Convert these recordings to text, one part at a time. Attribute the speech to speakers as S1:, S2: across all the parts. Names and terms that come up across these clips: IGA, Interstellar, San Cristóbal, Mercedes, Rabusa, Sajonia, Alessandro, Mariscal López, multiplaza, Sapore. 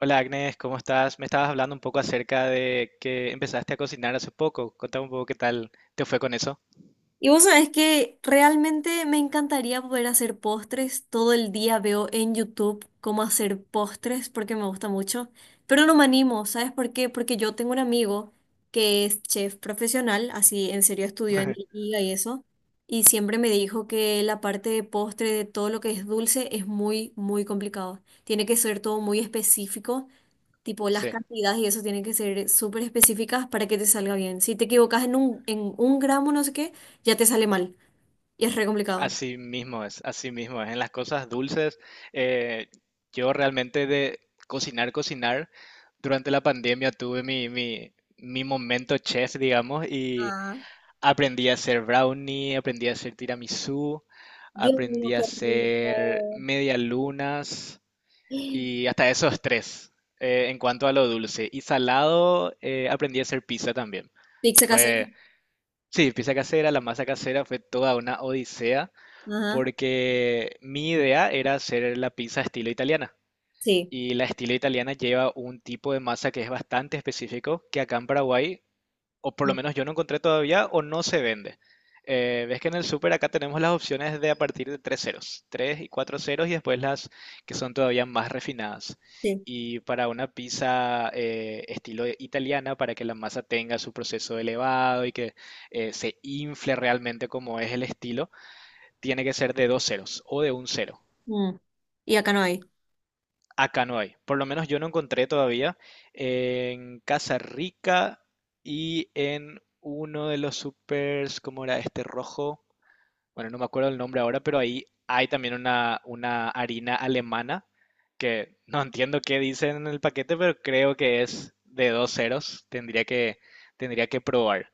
S1: Hola Agnes, ¿cómo estás? Me estabas hablando un poco acerca de que empezaste a cocinar hace poco. Contame un poco qué tal te fue con eso.
S2: Y vos sabés que realmente me encantaría poder hacer postres. Todo el día veo en YouTube cómo hacer postres porque me gusta mucho. Pero no me animo, ¿sabes por qué? Porque yo tengo un amigo que es chef profesional, así en serio estudió en liga y eso. Y siempre me dijo que la parte de postre, de todo lo que es dulce, es muy, muy complicado. Tiene que ser todo muy específico. Tipo, las
S1: Sí,
S2: cantidades y eso tienen que ser súper específicas para que te salga bien. Si te equivocas en un gramo, no sé qué, ya te sale mal. Y es re complicado.
S1: así mismo es, así mismo es. En las cosas dulces, eh, yo realmente de cocinar, cocinar. Durante la pandemia tuve mi momento chef, digamos, y
S2: Ah,
S1: aprendí a hacer brownie, aprendí a hacer tiramisú,
S2: Dios mío,
S1: aprendí a
S2: qué
S1: hacer
S2: rico.
S1: medialunas y hasta esos tres en cuanto a lo dulce. Y salado, aprendí a hacer pizza también.
S2: Pizza casera.
S1: Fue, sí, pizza casera, la masa casera fue toda una odisea
S2: Ajá.
S1: porque mi idea era hacer la pizza estilo italiana.
S2: Sí.
S1: Y la estilo italiana lleva un tipo de masa que es bastante específico, que acá en Paraguay, o por lo
S2: No,
S1: menos yo no encontré todavía, o no se vende. Ves que en el súper acá tenemos las opciones de a partir de tres ceros, tres y cuatro ceros, y después las que son todavía más refinadas.
S2: sí.
S1: Y para una pizza estilo italiana, para que la masa tenga su proceso elevado y que se infle realmente como es el estilo, tiene que ser de dos ceros o de un cero.
S2: Mm. Y acá no hay.
S1: Acá no hay. Por lo menos yo no encontré todavía. En Casa Rica y en uno de los supers, ¿cómo era este rojo? Bueno, no me acuerdo el nombre ahora, pero ahí hay también una harina alemana que no entiendo qué dicen en el paquete, pero creo que es de dos ceros. Tendría que probar.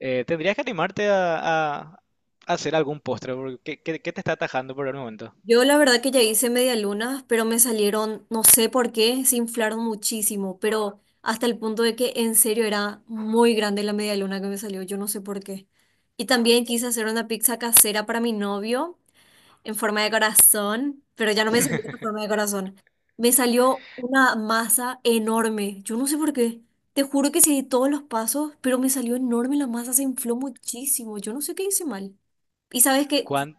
S1: Tendrías que animarte a hacer algún postre, porque ¿qué te está atajando por el momento?
S2: Yo la verdad que ya hice media luna, pero me salieron, no sé por qué, se inflaron muchísimo, pero hasta el punto de que en serio era muy grande la media luna que me salió, yo no sé por qué. Y también quise hacer una pizza casera para mi novio en forma de corazón, pero ya no me salió en forma de corazón. Me salió una masa enorme, yo no sé por qué. Te juro que seguí todos los pasos, pero me salió enorme la masa, se infló muchísimo, yo no sé qué hice mal. Y sabes qué,
S1: ¿Cuán?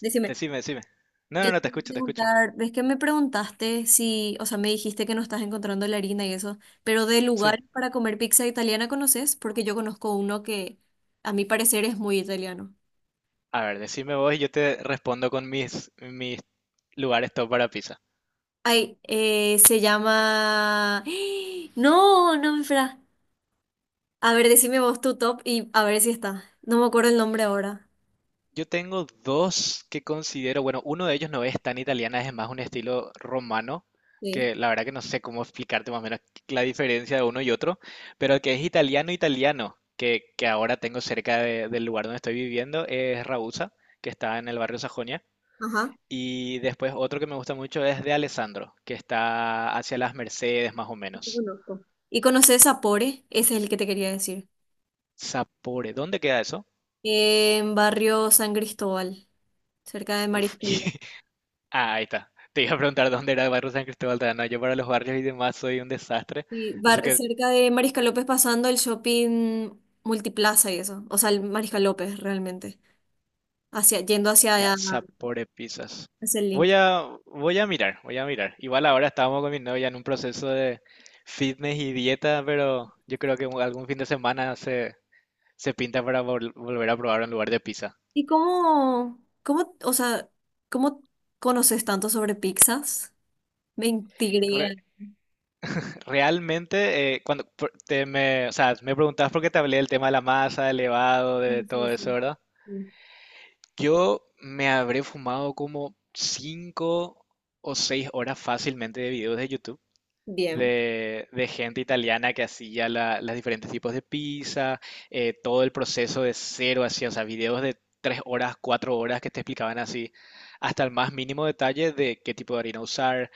S2: decime.
S1: Decime, decime. No,
S2: Yo
S1: no,
S2: te
S1: no, te
S2: iba a
S1: escucho, te escucho.
S2: preguntar, ves que me preguntaste si, o sea, me dijiste que no estás encontrando la harina y eso, pero de
S1: Sí.
S2: lugares para comer pizza italiana conoces, porque yo conozco uno que a mi parecer es muy italiano.
S1: A ver, decime vos y yo te respondo con mis lugares top para pizza.
S2: Ay, se llama... No, no me espera. A ver, decime vos tu top y a ver si está. No me acuerdo el nombre ahora.
S1: Yo tengo dos que considero, bueno, uno de ellos no es tan italiana, es más un estilo romano,
S2: Sí.
S1: que la verdad que no sé cómo explicarte más o menos la diferencia de uno y otro, pero que es italiano italiano, que ahora tengo cerca del lugar donde estoy viviendo, es Rabusa, que está en el barrio Sajonia.
S2: Ajá.
S1: Y después otro que me gusta mucho es de Alessandro, que está hacia las Mercedes más o
S2: Ese
S1: menos.
S2: conozco. ¿Y conoces Sapore? Ese es el que te quería decir.
S1: Sapore, ¿dónde queda eso?
S2: En barrio San Cristóbal, cerca de
S1: Uf,
S2: Mariscal.
S1: ah, ahí está. Te iba a preguntar dónde era el barrio San Cristóbal de no, yo para los barrios y demás soy un desastre.
S2: Sí,
S1: Eso
S2: bar-
S1: que
S2: cerca de Mariscal López pasando el shopping multiplaza y eso. O sea, el Mariscal López realmente. Hacia, yendo hacia,
S1: ya,
S2: allá,
S1: Saporepizas.
S2: hacia el link.
S1: Voy a mirar, voy a mirar. Igual ahora estábamos con mi novia en un proceso de fitness y dieta, pero yo creo que algún fin de semana se pinta para volver a probar un lugar de pizza.
S2: ¿Y o sea, cómo conoces tanto sobre pizzas? Me intriga.
S1: Re- realmente, cuando por- te me, o sea, me preguntabas por qué te hablé del tema de la masa, del elevado,
S2: Sí,
S1: de
S2: sí,
S1: todo eso,
S2: sí.
S1: ¿verdad?
S2: Sí.
S1: Yo me habré fumado como 5 o 6 horas fácilmente de videos de YouTube
S2: Bien.
S1: de gente italiana que hacía las diferentes tipos de pizza, todo el proceso de cero, hacía, o sea, videos de 3 horas, 4 horas que te explicaban así, hasta el más mínimo detalle de qué tipo de harina usar,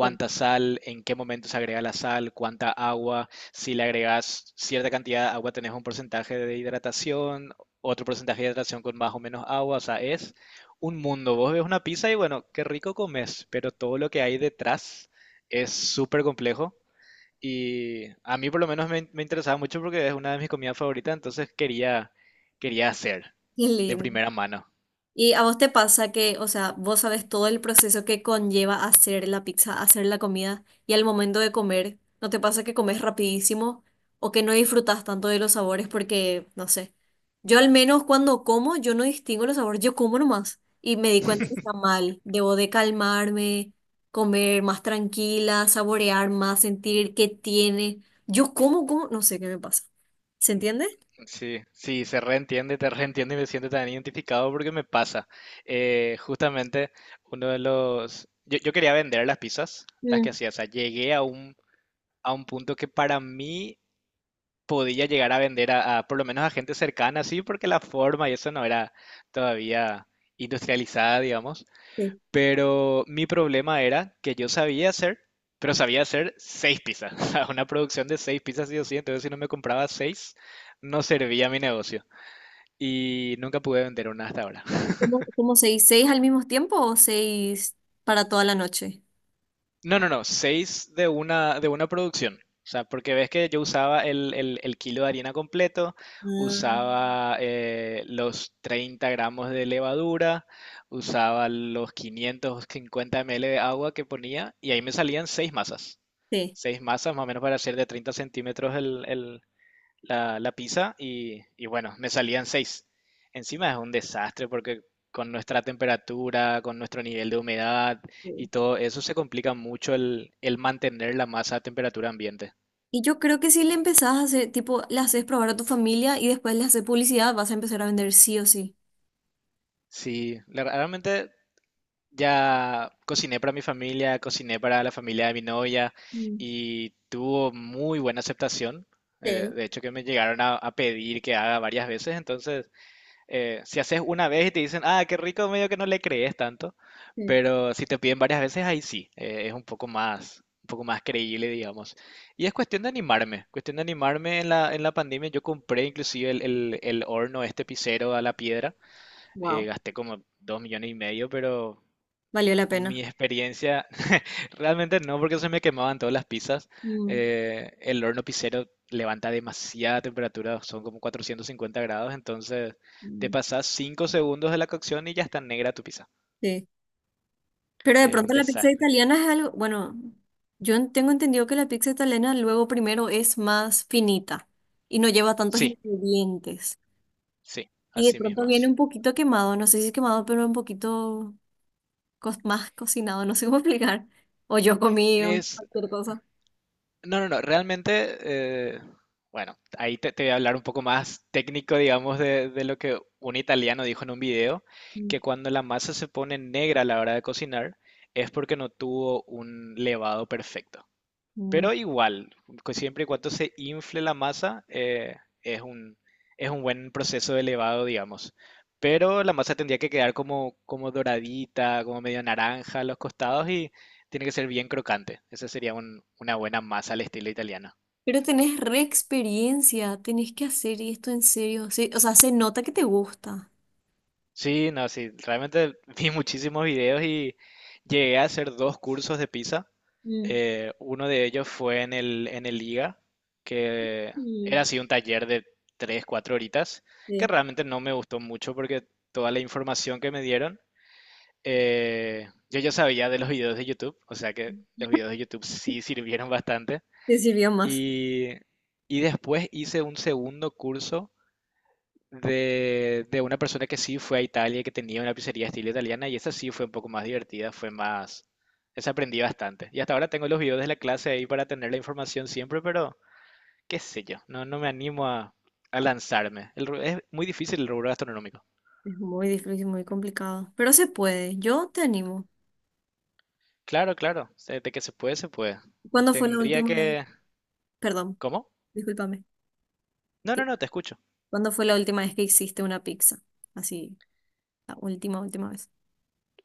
S2: Sí.
S1: sal, en qué momento se agrega la sal, cuánta agua, si le agregas cierta cantidad de agua tenés un porcentaje de hidratación, otro porcentaje de hidratación con más o menos agua, o sea, es un mundo. Vos ves una pizza y bueno, qué rico comes, pero todo lo que hay detrás es súper complejo y a mí por lo menos me interesaba mucho porque es una de mis comidas favoritas, entonces quería hacer
S2: Qué
S1: de
S2: lindo.
S1: primera mano.
S2: ¿Y a vos te pasa que, o sea, vos sabes todo el proceso que conlleva hacer la pizza, hacer la comida y al momento de comer, ¿no te pasa que comes rapidísimo o que no disfrutas tanto de los sabores? Porque, no sé, yo al menos cuando como, yo no distingo los sabores, yo como nomás y me di cuenta que está mal. Debo de calmarme, comer más tranquila, saborear más, sentir qué tiene. Yo como, como, no sé qué me pasa. ¿Se entiende?
S1: Sí, sí, se reentiende, te reentiende y me siento tan identificado porque me pasa. Justamente uno de los... yo quería vender las pizzas, las que
S2: Mm,
S1: hacía, o sea, llegué a un punto que para mí podía llegar a vender a por lo menos a gente cercana, sí, porque la forma y eso no era todavía industrializada, digamos.
S2: sí.
S1: Pero mi problema era que yo sabía hacer, pero sabía hacer seis pizzas, o sea, una producción de seis pizzas sí o sí, entonces si no me compraba seis, no servía mi negocio. Y nunca pude vender una hasta ahora.
S2: ¿Cómo seis? ¿Seis al mismo tiempo o seis para toda la noche?
S1: No, no, no, seis de una producción. O sea, porque ves que yo usaba el kilo de harina completo,
S2: Ah,
S1: usaba los 30 gramos de levadura, usaba los 550 ml de agua que ponía y ahí me salían seis masas.
S2: sí.
S1: Seis masas más o menos para hacer de 30 centímetros la pizza y bueno, me salían seis. Encima es un desastre porque con nuestra temperatura, con nuestro nivel de humedad y
S2: Sí.
S1: todo eso se complica mucho el mantener la masa a temperatura ambiente.
S2: Y yo creo que si le empezás a hacer, tipo, le haces probar a tu familia y después le haces publicidad, vas a empezar a vender sí o sí.
S1: Sí, realmente ya cociné para mi familia, cociné para la familia de mi novia
S2: Mm.
S1: y tuvo muy buena aceptación.
S2: Sí,
S1: De hecho que me llegaron a pedir que haga varias veces, entonces si haces una vez y te dicen, ah, qué rico, medio que no le crees tanto,
S2: sí.
S1: pero si te piden varias veces, ahí sí, es un poco más creíble, digamos. Y es cuestión de animarme en en la pandemia. Yo compré inclusive el horno, este pisero a la piedra,
S2: Wow,
S1: gasté como 2,5 millones, pero
S2: valió la
S1: mi
S2: pena.
S1: experiencia. Realmente no, porque se me quemaban todas las pizzas.
S2: Mm.
S1: El horno pizzero levanta demasiada temperatura, son como 450 grados, entonces te
S2: Mm.
S1: pasas 5 segundos de la cocción y ya está negra tu pizza.
S2: Sí. Pero de
S1: Es un
S2: pronto la pizza
S1: desastre.
S2: italiana es algo, bueno, yo en- tengo entendido que la pizza italiana luego primero es más finita y no lleva tantos
S1: Sí,
S2: ingredientes.
S1: sí,
S2: Y de
S1: así
S2: pronto
S1: mismo
S2: viene
S1: es.
S2: un poquito quemado, no sé si es quemado, pero un poquito co- más cocinado, no sé cómo explicar. O yo comí un-
S1: Es,
S2: cualquier cosa.
S1: no, no, no, realmente, bueno, ahí te voy a hablar un poco más técnico, digamos, de lo que un italiano dijo en un video, que cuando la masa se pone negra a la hora de cocinar es porque no tuvo un levado perfecto.
S2: Ujú.
S1: Pero igual, siempre y cuando se infle la masa, es un, es un buen proceso de elevado, digamos. Pero la masa tendría que quedar como doradita, como medio naranja a los costados y tiene que ser bien crocante. Esa sería una buena masa al estilo italiano.
S2: Pero tenés re experiencia, tenés que hacer esto en serio. Sí, o sea, se nota que te gusta.
S1: Sí, no, sí, realmente vi muchísimos videos y llegué a hacer dos cursos de pizza.
S2: Mm.
S1: Uno de ellos fue en el IGA, que era
S2: Mm.
S1: así un taller de 3 4 horitas, que
S2: Sí,
S1: realmente no me gustó mucho porque toda la información que me dieron, yo ya sabía de los videos de YouTube, o sea que los videos de YouTube sí sirvieron bastante.
S2: te sirvió más.
S1: Y, y después hice un segundo curso de una persona que sí fue a Italia, que tenía una pizzería estilo italiana, y esa sí fue un poco más divertida, fue más... Esa aprendí bastante. Y hasta ahora tengo los videos de la clase ahí para tener la información siempre, pero qué sé yo, no me animo a lanzarme. Es muy difícil el rubro gastronómico.
S2: Es muy difícil, muy complicado. Pero se puede, yo te animo.
S1: Claro, claro, de que se puede, se puede.
S2: ¿Cuándo fue la
S1: Tendría
S2: última vez?
S1: que...
S2: Perdón,
S1: ¿Cómo?
S2: discúlpame.
S1: No, no,
S2: Te-
S1: no, te escucho.
S2: ¿Cuándo fue la última vez que hiciste una pizza? Así, la última vez.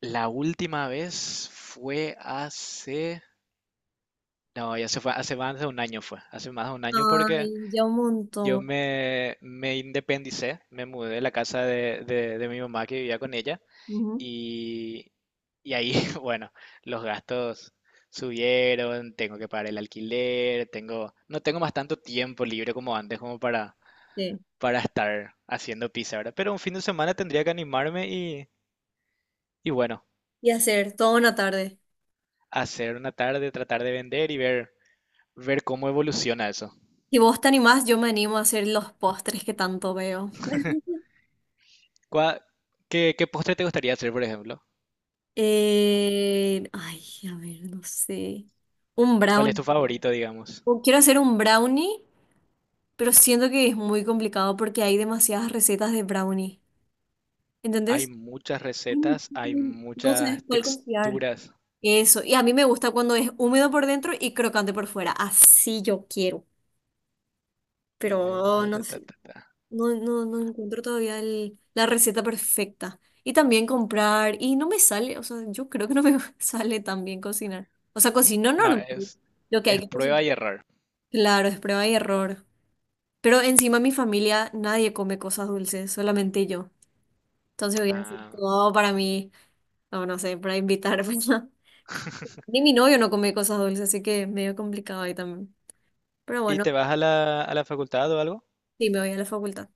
S1: La última vez fue hace... No, ya se fue, hace más de un año fue, hace más de un año porque
S2: Ay, ya un
S1: yo
S2: montón.
S1: me independicé, me mudé de la casa de mi mamá que vivía con ella
S2: Ujú.
S1: y, y ahí, bueno, los gastos subieron, tengo que pagar el alquiler, tengo, no tengo más tanto tiempo libre como antes como
S2: Sí.
S1: para estar haciendo pizza, ¿verdad? Pero un fin de semana tendría que animarme y bueno,
S2: Y hacer toda una tarde.
S1: hacer una tarde, tratar de vender y ver cómo evoluciona eso.
S2: Si vos te animás, yo me animo a hacer los postres que tanto veo.
S1: ¿Cuá- qué postre te gustaría hacer, por ejemplo?
S2: Eh, ay, a ver, no sé. Un
S1: ¿Cuál es
S2: brownie.
S1: tu favorito, digamos?
S2: O quiero hacer un brownie, pero siento que es muy complicado porque hay demasiadas recetas de brownie.
S1: Hay
S2: ¿Entendés?
S1: muchas
S2: Ay,
S1: recetas, hay
S2: no sabes
S1: muchas
S2: cuál confiar.
S1: texturas.
S2: Eso. Y a mí me gusta cuando es húmedo por dentro y crocante por fuera. Así yo quiero.
S1: Húmedo,
S2: Pero
S1: ta, ta,
S2: no
S1: ta,
S2: sé.
S1: ta, ta.
S2: No, encuentro todavía el- la receta perfecta. Y también comprar, y no me sale, o sea, yo creo que no me sale tan bien cocinar. O sea, cocino
S1: No,
S2: normal. Lo que hay
S1: es
S2: que cocinar.
S1: prueba y error.
S2: Claro, es prueba y error. Pero encima mi familia, nadie come cosas dulces, solamente yo. Entonces voy a hacer
S1: Ah.
S2: todo para mí, no, no sé, para invitar. Pues, no. Ni mi novio no come cosas dulces, así que medio complicado ahí también. Pero
S1: ¿Y
S2: bueno,
S1: te vas a la facultad o algo?
S2: sí, me voy a la facultad.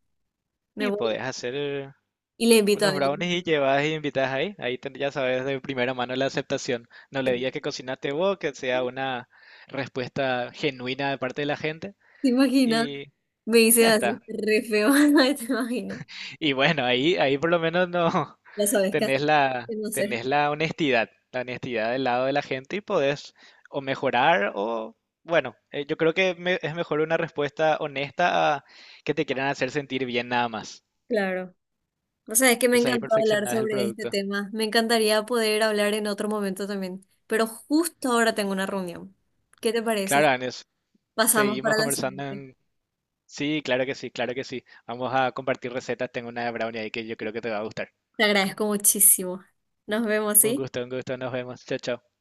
S2: Me
S1: Y
S2: voy
S1: podés hacer
S2: y le invito a
S1: unos brownies y
S2: él.
S1: llevas y invitas ahí. Ahí ya sabes de primera mano la aceptación. No
S2: ¿Te
S1: le digas que cocinaste vos, que sea una respuesta genuina de parte de la gente.
S2: imaginas?
S1: Y
S2: Me
S1: y
S2: dicen
S1: ya está.
S2: así, re feo, ay, te imagino.
S1: Y bueno, ahí por lo menos no
S2: Ya sabes qué hacer, qué no hacer.
S1: tenés la honestidad del lado de la gente y podés o mejorar o, bueno, yo creo que es mejor una respuesta honesta a que te quieran hacer sentir bien nada más.
S2: Claro. O sea, es que me
S1: Entonces ahí
S2: encantó hablar
S1: perfeccionás el
S2: sobre este
S1: producto.
S2: tema. Me encantaría poder hablar en otro momento también. Pero justo ahora tengo una reunión. ¿Qué te
S1: Claro,
S2: parece?
S1: Anes,
S2: Pasamos
S1: seguimos
S2: para la
S1: conversando
S2: siguiente.
S1: en... Sí, claro que sí, claro que sí. Vamos a compartir recetas. Tengo una de brownie ahí que yo creo que te va a gustar.
S2: Te agradezco muchísimo. Nos vemos,
S1: Un
S2: ¿sí?
S1: gusto, un gusto. Nos vemos. Chao, chao.